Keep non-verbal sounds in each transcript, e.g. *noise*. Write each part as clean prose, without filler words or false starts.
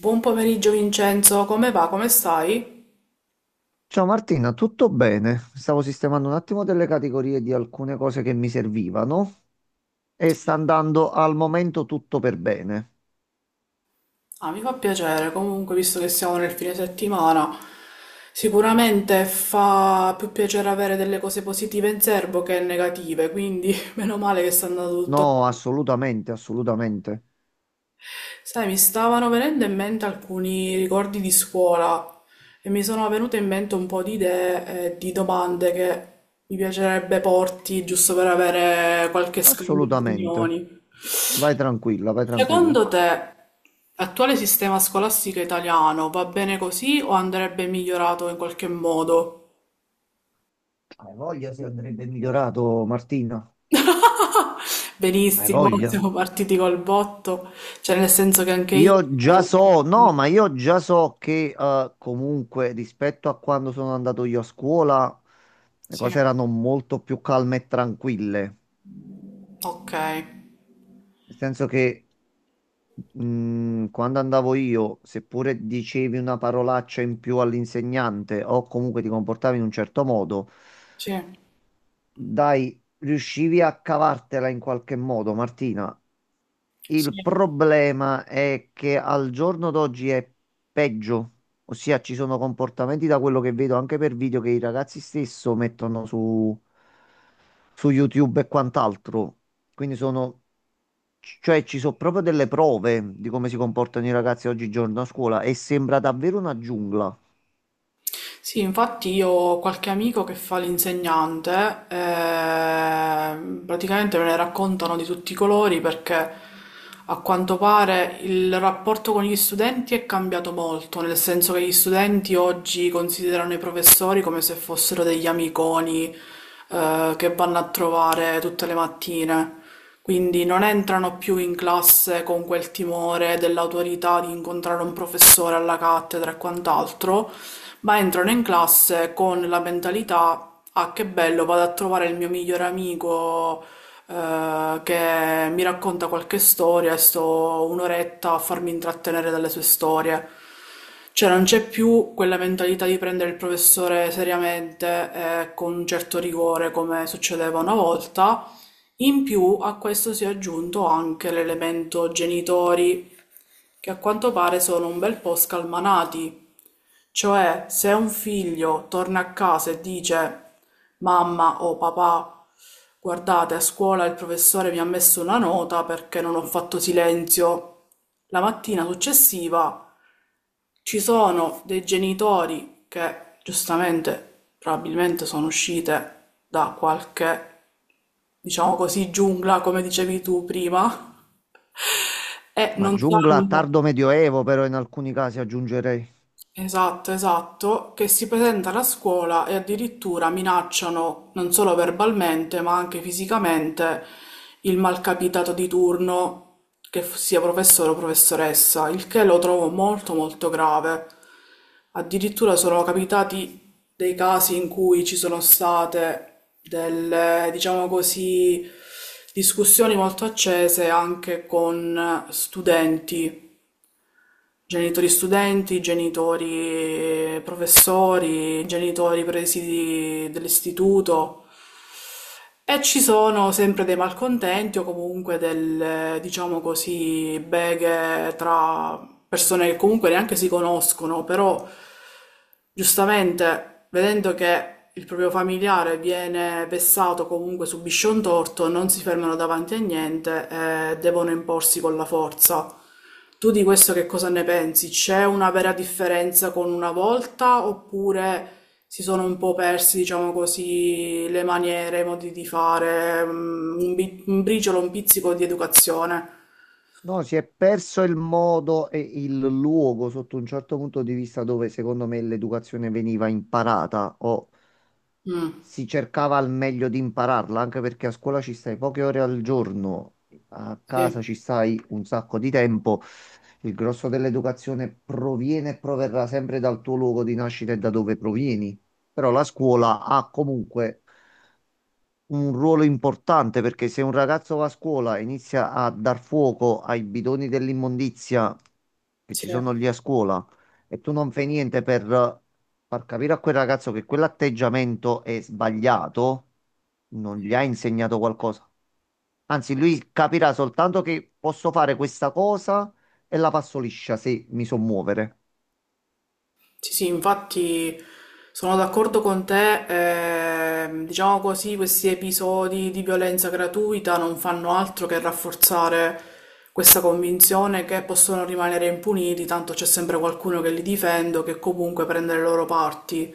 Buon pomeriggio Vincenzo, come va? Come stai? Ciao Martina, tutto bene? Stavo sistemando un attimo delle categorie di alcune cose che mi servivano e Sì. sta andando al momento tutto per bene. Ah, mi fa piacere, comunque visto che siamo nel fine settimana, sicuramente fa più piacere avere delle cose positive in serbo che negative, quindi *laughs* meno male che sta andando tutto. No, assolutamente, assolutamente, Sai, mi stavano venendo in mente alcuni ricordi di scuola e mi sono venute in mente un po' di idee e di domande che mi piacerebbe porti giusto per avere qualche scambio di assolutamente. opinioni. Vai tranquilla, vai tranquilla. Secondo te, l'attuale sistema scolastico italiano va bene così o andrebbe migliorato in qualche modo? Hai voglia se andrebbe migliorato, Martina? *laughs* Hai Benissimo, voglia? siamo partiti col botto, cioè nel senso che anche io... Io già so, no, ma io già so che comunque rispetto a quando sono andato io a scuola, le Sì, cose erano molto più calme e tranquille. ok, Nel senso che, quando andavo io, seppure dicevi una parolaccia in più all'insegnante o comunque ti comportavi in un certo modo, sì, dai, riuscivi a cavartela in qualche modo, Martina. Il sì. problema è che al giorno d'oggi è peggio, ossia ci sono comportamenti da quello che vedo anche per video che i ragazzi stesso mettono su, su YouTube e quant'altro. Quindi sono, cioè ci sono proprio delle prove di come si comportano i ragazzi oggigiorno a scuola e sembra davvero una giungla, Sì, infatti io ho qualche amico che fa l'insegnante, praticamente me ne raccontano di tutti i colori perché a quanto pare il rapporto con gli studenti è cambiato molto, nel senso che gli studenti oggi considerano i professori come se fossero degli amiconi, che vanno a trovare tutte le mattine. Quindi non entrano più in classe con quel timore dell'autorità di incontrare un professore alla cattedra e quant'altro, ma entrano in classe con la mentalità, ah che bello, vado a trovare il mio migliore amico che mi racconta qualche storia e sto un'oretta a farmi intrattenere dalle sue storie. Cioè non c'è più quella mentalità di prendere il professore seriamente e con un certo rigore come succedeva una volta. In più a questo si è aggiunto anche l'elemento genitori che a quanto pare sono un bel po' scalmanati. Cioè, se un figlio torna a casa e dice mamma o papà, guardate, a scuola il professore mi ha messo una nota perché non ho fatto silenzio. La mattina successiva ci sono dei genitori che giustamente probabilmente sono uscite da qualche, diciamo così, giungla, come dicevi tu prima, *laughs* e ma non giungla sanno. tardo medioevo però in alcuni casi aggiungerei. Esatto, esatto, che si presentano a scuola e addirittura minacciano non solo verbalmente, ma anche fisicamente il malcapitato di turno, che sia professore o professoressa, il che lo trovo molto molto grave. Addirittura sono capitati dei casi in cui ci sono state delle, diciamo così, discussioni molto accese anche con studenti. Genitori studenti, genitori professori, genitori presidi dell'istituto. E ci sono sempre dei malcontenti o comunque delle, diciamo così, beghe tra persone che comunque neanche si conoscono, però giustamente vedendo che il proprio familiare viene vessato, comunque subisce un torto, non si fermano davanti a niente e devono imporsi con la forza. Tu di questo che cosa ne pensi? C'è una vera differenza con una volta oppure si sono un po' persi, diciamo così, le maniere, i modi di fare, mm, un, un briciolo, un pizzico di educazione. No, si è perso il modo e il luogo sotto un certo punto di vista dove secondo me l'educazione veniva imparata o Mm, si cercava al meglio di impararla, anche perché a scuola ci stai poche ore al giorno, a casa sì, ci stai un sacco di tempo. Il grosso dell'educazione proviene e proverrà sempre dal tuo luogo di nascita e da dove provieni. Però la scuola ha comunque un ruolo importante, perché se un ragazzo va a scuola e inizia a dar fuoco ai bidoni dell'immondizia che sì, ci sono lì a scuola e tu non fai niente per far capire a quel ragazzo che quell'atteggiamento è sbagliato, non gli hai insegnato qualcosa. Anzi, lui capirà soltanto che posso fare questa cosa e la passo liscia se mi so muovere. sì, sì, infatti sono d'accordo con te, diciamo così, questi episodi di violenza gratuita non fanno altro che rafforzare questa convinzione che possono rimanere impuniti, tanto c'è sempre qualcuno che li difende, o che comunque prende le loro parti.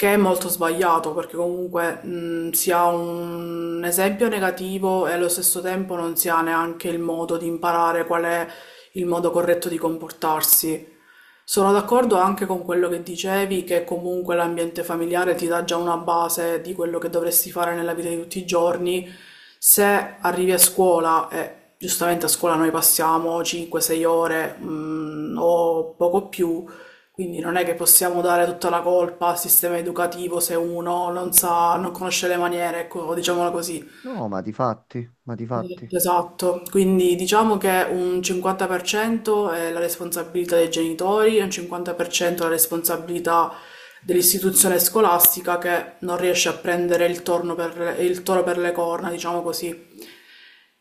Che è molto sbagliato perché comunque si ha un esempio negativo e allo stesso tempo non si ha neanche il modo di imparare qual è il modo corretto di comportarsi. Sono d'accordo anche con quello che dicevi, che comunque l'ambiente familiare ti dà già una base di quello che dovresti fare nella vita di tutti i giorni. Se arrivi a scuola, e giustamente a scuola noi passiamo 5-6 ore, o poco più, quindi non è che possiamo dare tutta la colpa al sistema educativo se uno non sa, non conosce le maniere, ecco, diciamola così. No, ma di fatti, ma di fatti. Esatto, esatto. Quindi diciamo che un 50% è la responsabilità dei genitori e un 50% è la responsabilità dell'istituzione scolastica che non riesce a prendere il toro per le corna, diciamo così.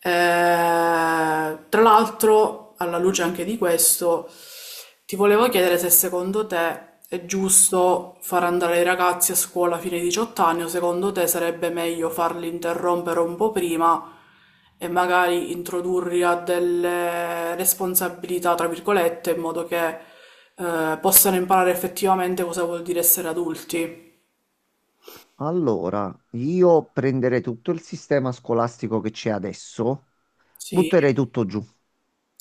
Tra l'altro, alla luce anche di questo, ti volevo chiedere se secondo te è giusto far andare i ragazzi a scuola fino ai 18 anni o secondo te sarebbe meglio farli interrompere un po' prima e magari introdurli a delle responsabilità, tra virgolette, in modo che possano imparare effettivamente cosa vuol dire essere adulti. Allora, io prenderei tutto il sistema scolastico che c'è adesso, Sì. butterei tutto giù.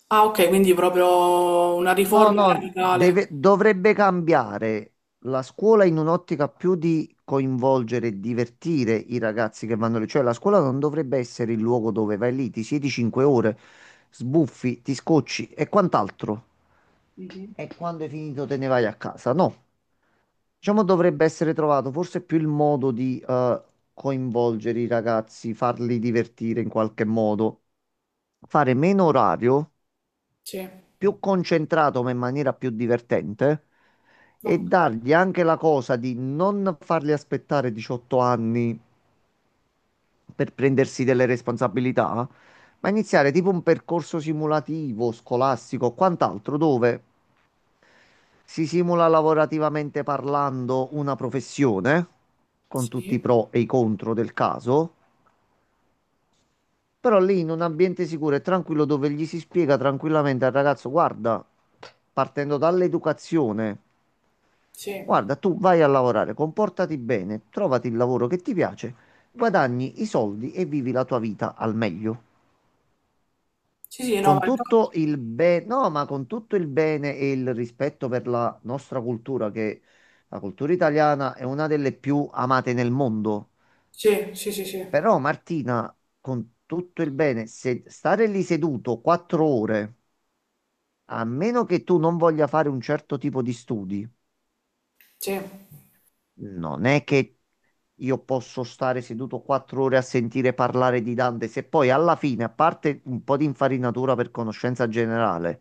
Ah, ok, quindi proprio una No, riforma no, radicale. dovrebbe cambiare la scuola in un'ottica più di coinvolgere e divertire i ragazzi che vanno lì. Cioè, la scuola non dovrebbe essere il luogo dove vai lì, ti siedi 5 ore, sbuffi, ti scocci e quant'altro. E quando hai finito te ne vai a casa? No. Diciamo dovrebbe essere trovato forse più il modo di coinvolgere i ragazzi, farli divertire in qualche modo, fare meno orario, Sì, più concentrato ma in maniera più divertente, e ok, dargli anche la cosa di non farli aspettare 18 anni per prendersi delle responsabilità, ma iniziare tipo un percorso simulativo, scolastico o quant'altro, dove si simula lavorativamente parlando una professione, con tutti i sì, pro e i contro del caso, però lì in un ambiente sicuro e tranquillo dove gli si spiega tranquillamente al ragazzo: guarda, partendo dall'educazione, sì, guarda, tu vai a lavorare, comportati bene, trovati il lavoro che ti piace, guadagni i soldi e vivi la tua vita al meglio. sì, sì, no, Con ma tutto il infatti, bene, no, ma con tutto il bene e il rispetto per la nostra cultura, che la cultura italiana è una delle più amate nel mondo. sì, sì, sì, sì, sì, Però, Martina, con tutto il bene, se stare lì seduto 4 ore, a meno che tu non voglia fare un certo tipo di studi, sì. non è che io posso stare seduto 4 ore a sentire parlare di Dante, se poi alla fine, a parte un po' di infarinatura per conoscenza generale.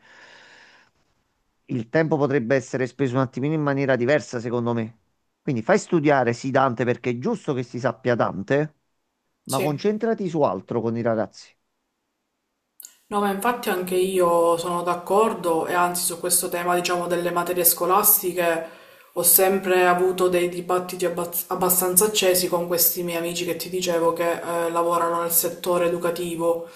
Il tempo potrebbe essere speso un attimino in maniera diversa, secondo me. Quindi fai studiare sì Dante, perché è giusto che si sappia Dante, ma Sì. concentrati su altro con i ragazzi. No, ma infatti anche io sono d'accordo e anzi su questo tema, diciamo, delle materie scolastiche ho sempre avuto dei dibattiti abbastanza accesi con questi miei amici che ti dicevo che lavorano nel settore educativo,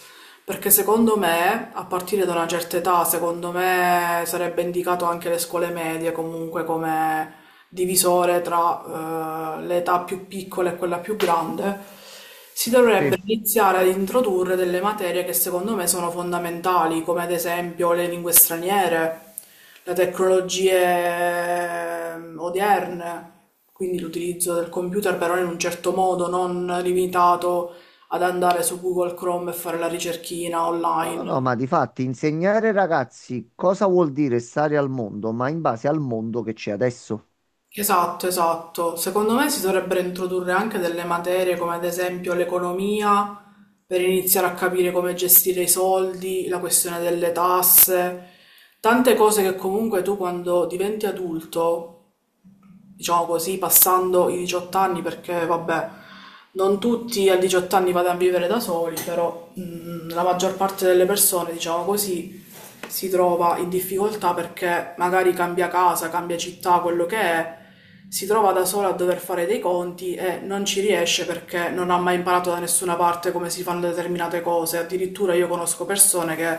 perché secondo me, a partire da una certa età, secondo me sarebbe indicato anche le scuole medie comunque come divisore tra l'età più piccola e quella più grande si Sì. dovrebbe iniziare ad introdurre delle materie che secondo me sono fondamentali, come ad esempio le lingue straniere, le tecnologie odierne, quindi l'utilizzo del computer però in un certo modo, non limitato ad andare su Google Chrome e fare la ricerchina No, no, no, online. ma di fatti, insegnare ai ragazzi cosa vuol dire stare al mondo, ma in base al mondo che c'è adesso. Esatto, esatto. Secondo me si dovrebbero introdurre anche delle materie come ad esempio l'economia per iniziare a capire come gestire i soldi, la questione delle tasse, tante cose che comunque tu quando diventi adulto diciamo così, passando i 18 anni, perché vabbè, non tutti a 18 anni vanno a vivere da soli, però la maggior parte delle persone, diciamo così, si trova in difficoltà perché magari cambia casa, cambia città, quello che è, si trova da sola a dover fare dei conti e non ci riesce perché non ha mai imparato da nessuna parte come si fanno determinate cose. Addirittura io conosco persone che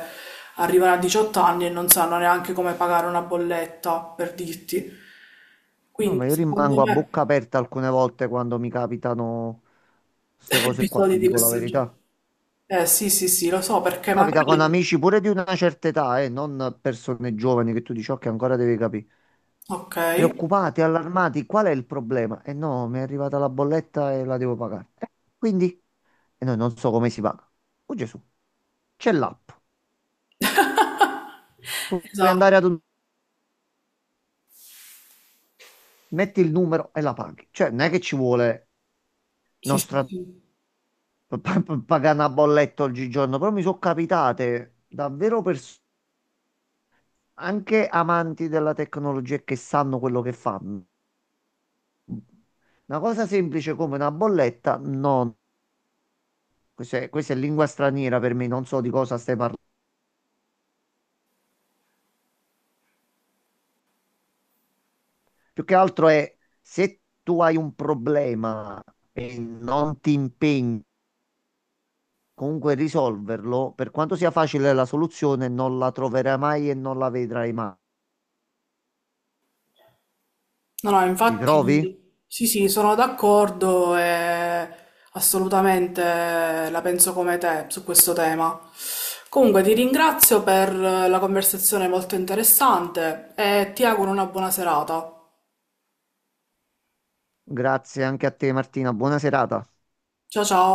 arrivano a 18 anni e non sanno neanche come pagare una bolletta, per dirti. No, ma Quindi io secondo rimango a me bocca aperta alcune volte quando mi capitano queste *laughs* cose qua, episodi ti di dico la questo genere. verità. Eh sì, sì, sì, lo so perché Capita con magari... amici pure di una certa età, non persone giovani che tu dici, ok, ancora devi capire. Ok, Preoccupati, allarmati, qual è il problema? E no, mi è arrivata la bolletta e la devo pagare. Quindi? E noi non so come si paga. Oh Gesù, c'è l'app. Puoi esatto. andare ad un... metti il numero e la paghi. Cioè, non è che ci vuole Sì, sì, nostra... sì. Pagare una bolletta oggigiorno, però mi sono capitate davvero persone, anche amanti della tecnologia e che sanno quello che fanno. Una cosa semplice come una bolletta, no, questa è lingua straniera per me, non so di cosa stai parlando. Più che altro è, se tu hai un problema e non ti impegni comunque a risolverlo, per quanto sia facile la soluzione, non la troverai mai e non la vedrai mai. No, no, Ti trovi? infatti sì, sì, sono d'accordo e assolutamente la penso come te su questo tema. Comunque ti ringrazio per la conversazione molto interessante e ti auguro una buona serata. Grazie anche a te, Martina. Buona serata. Ciao ciao.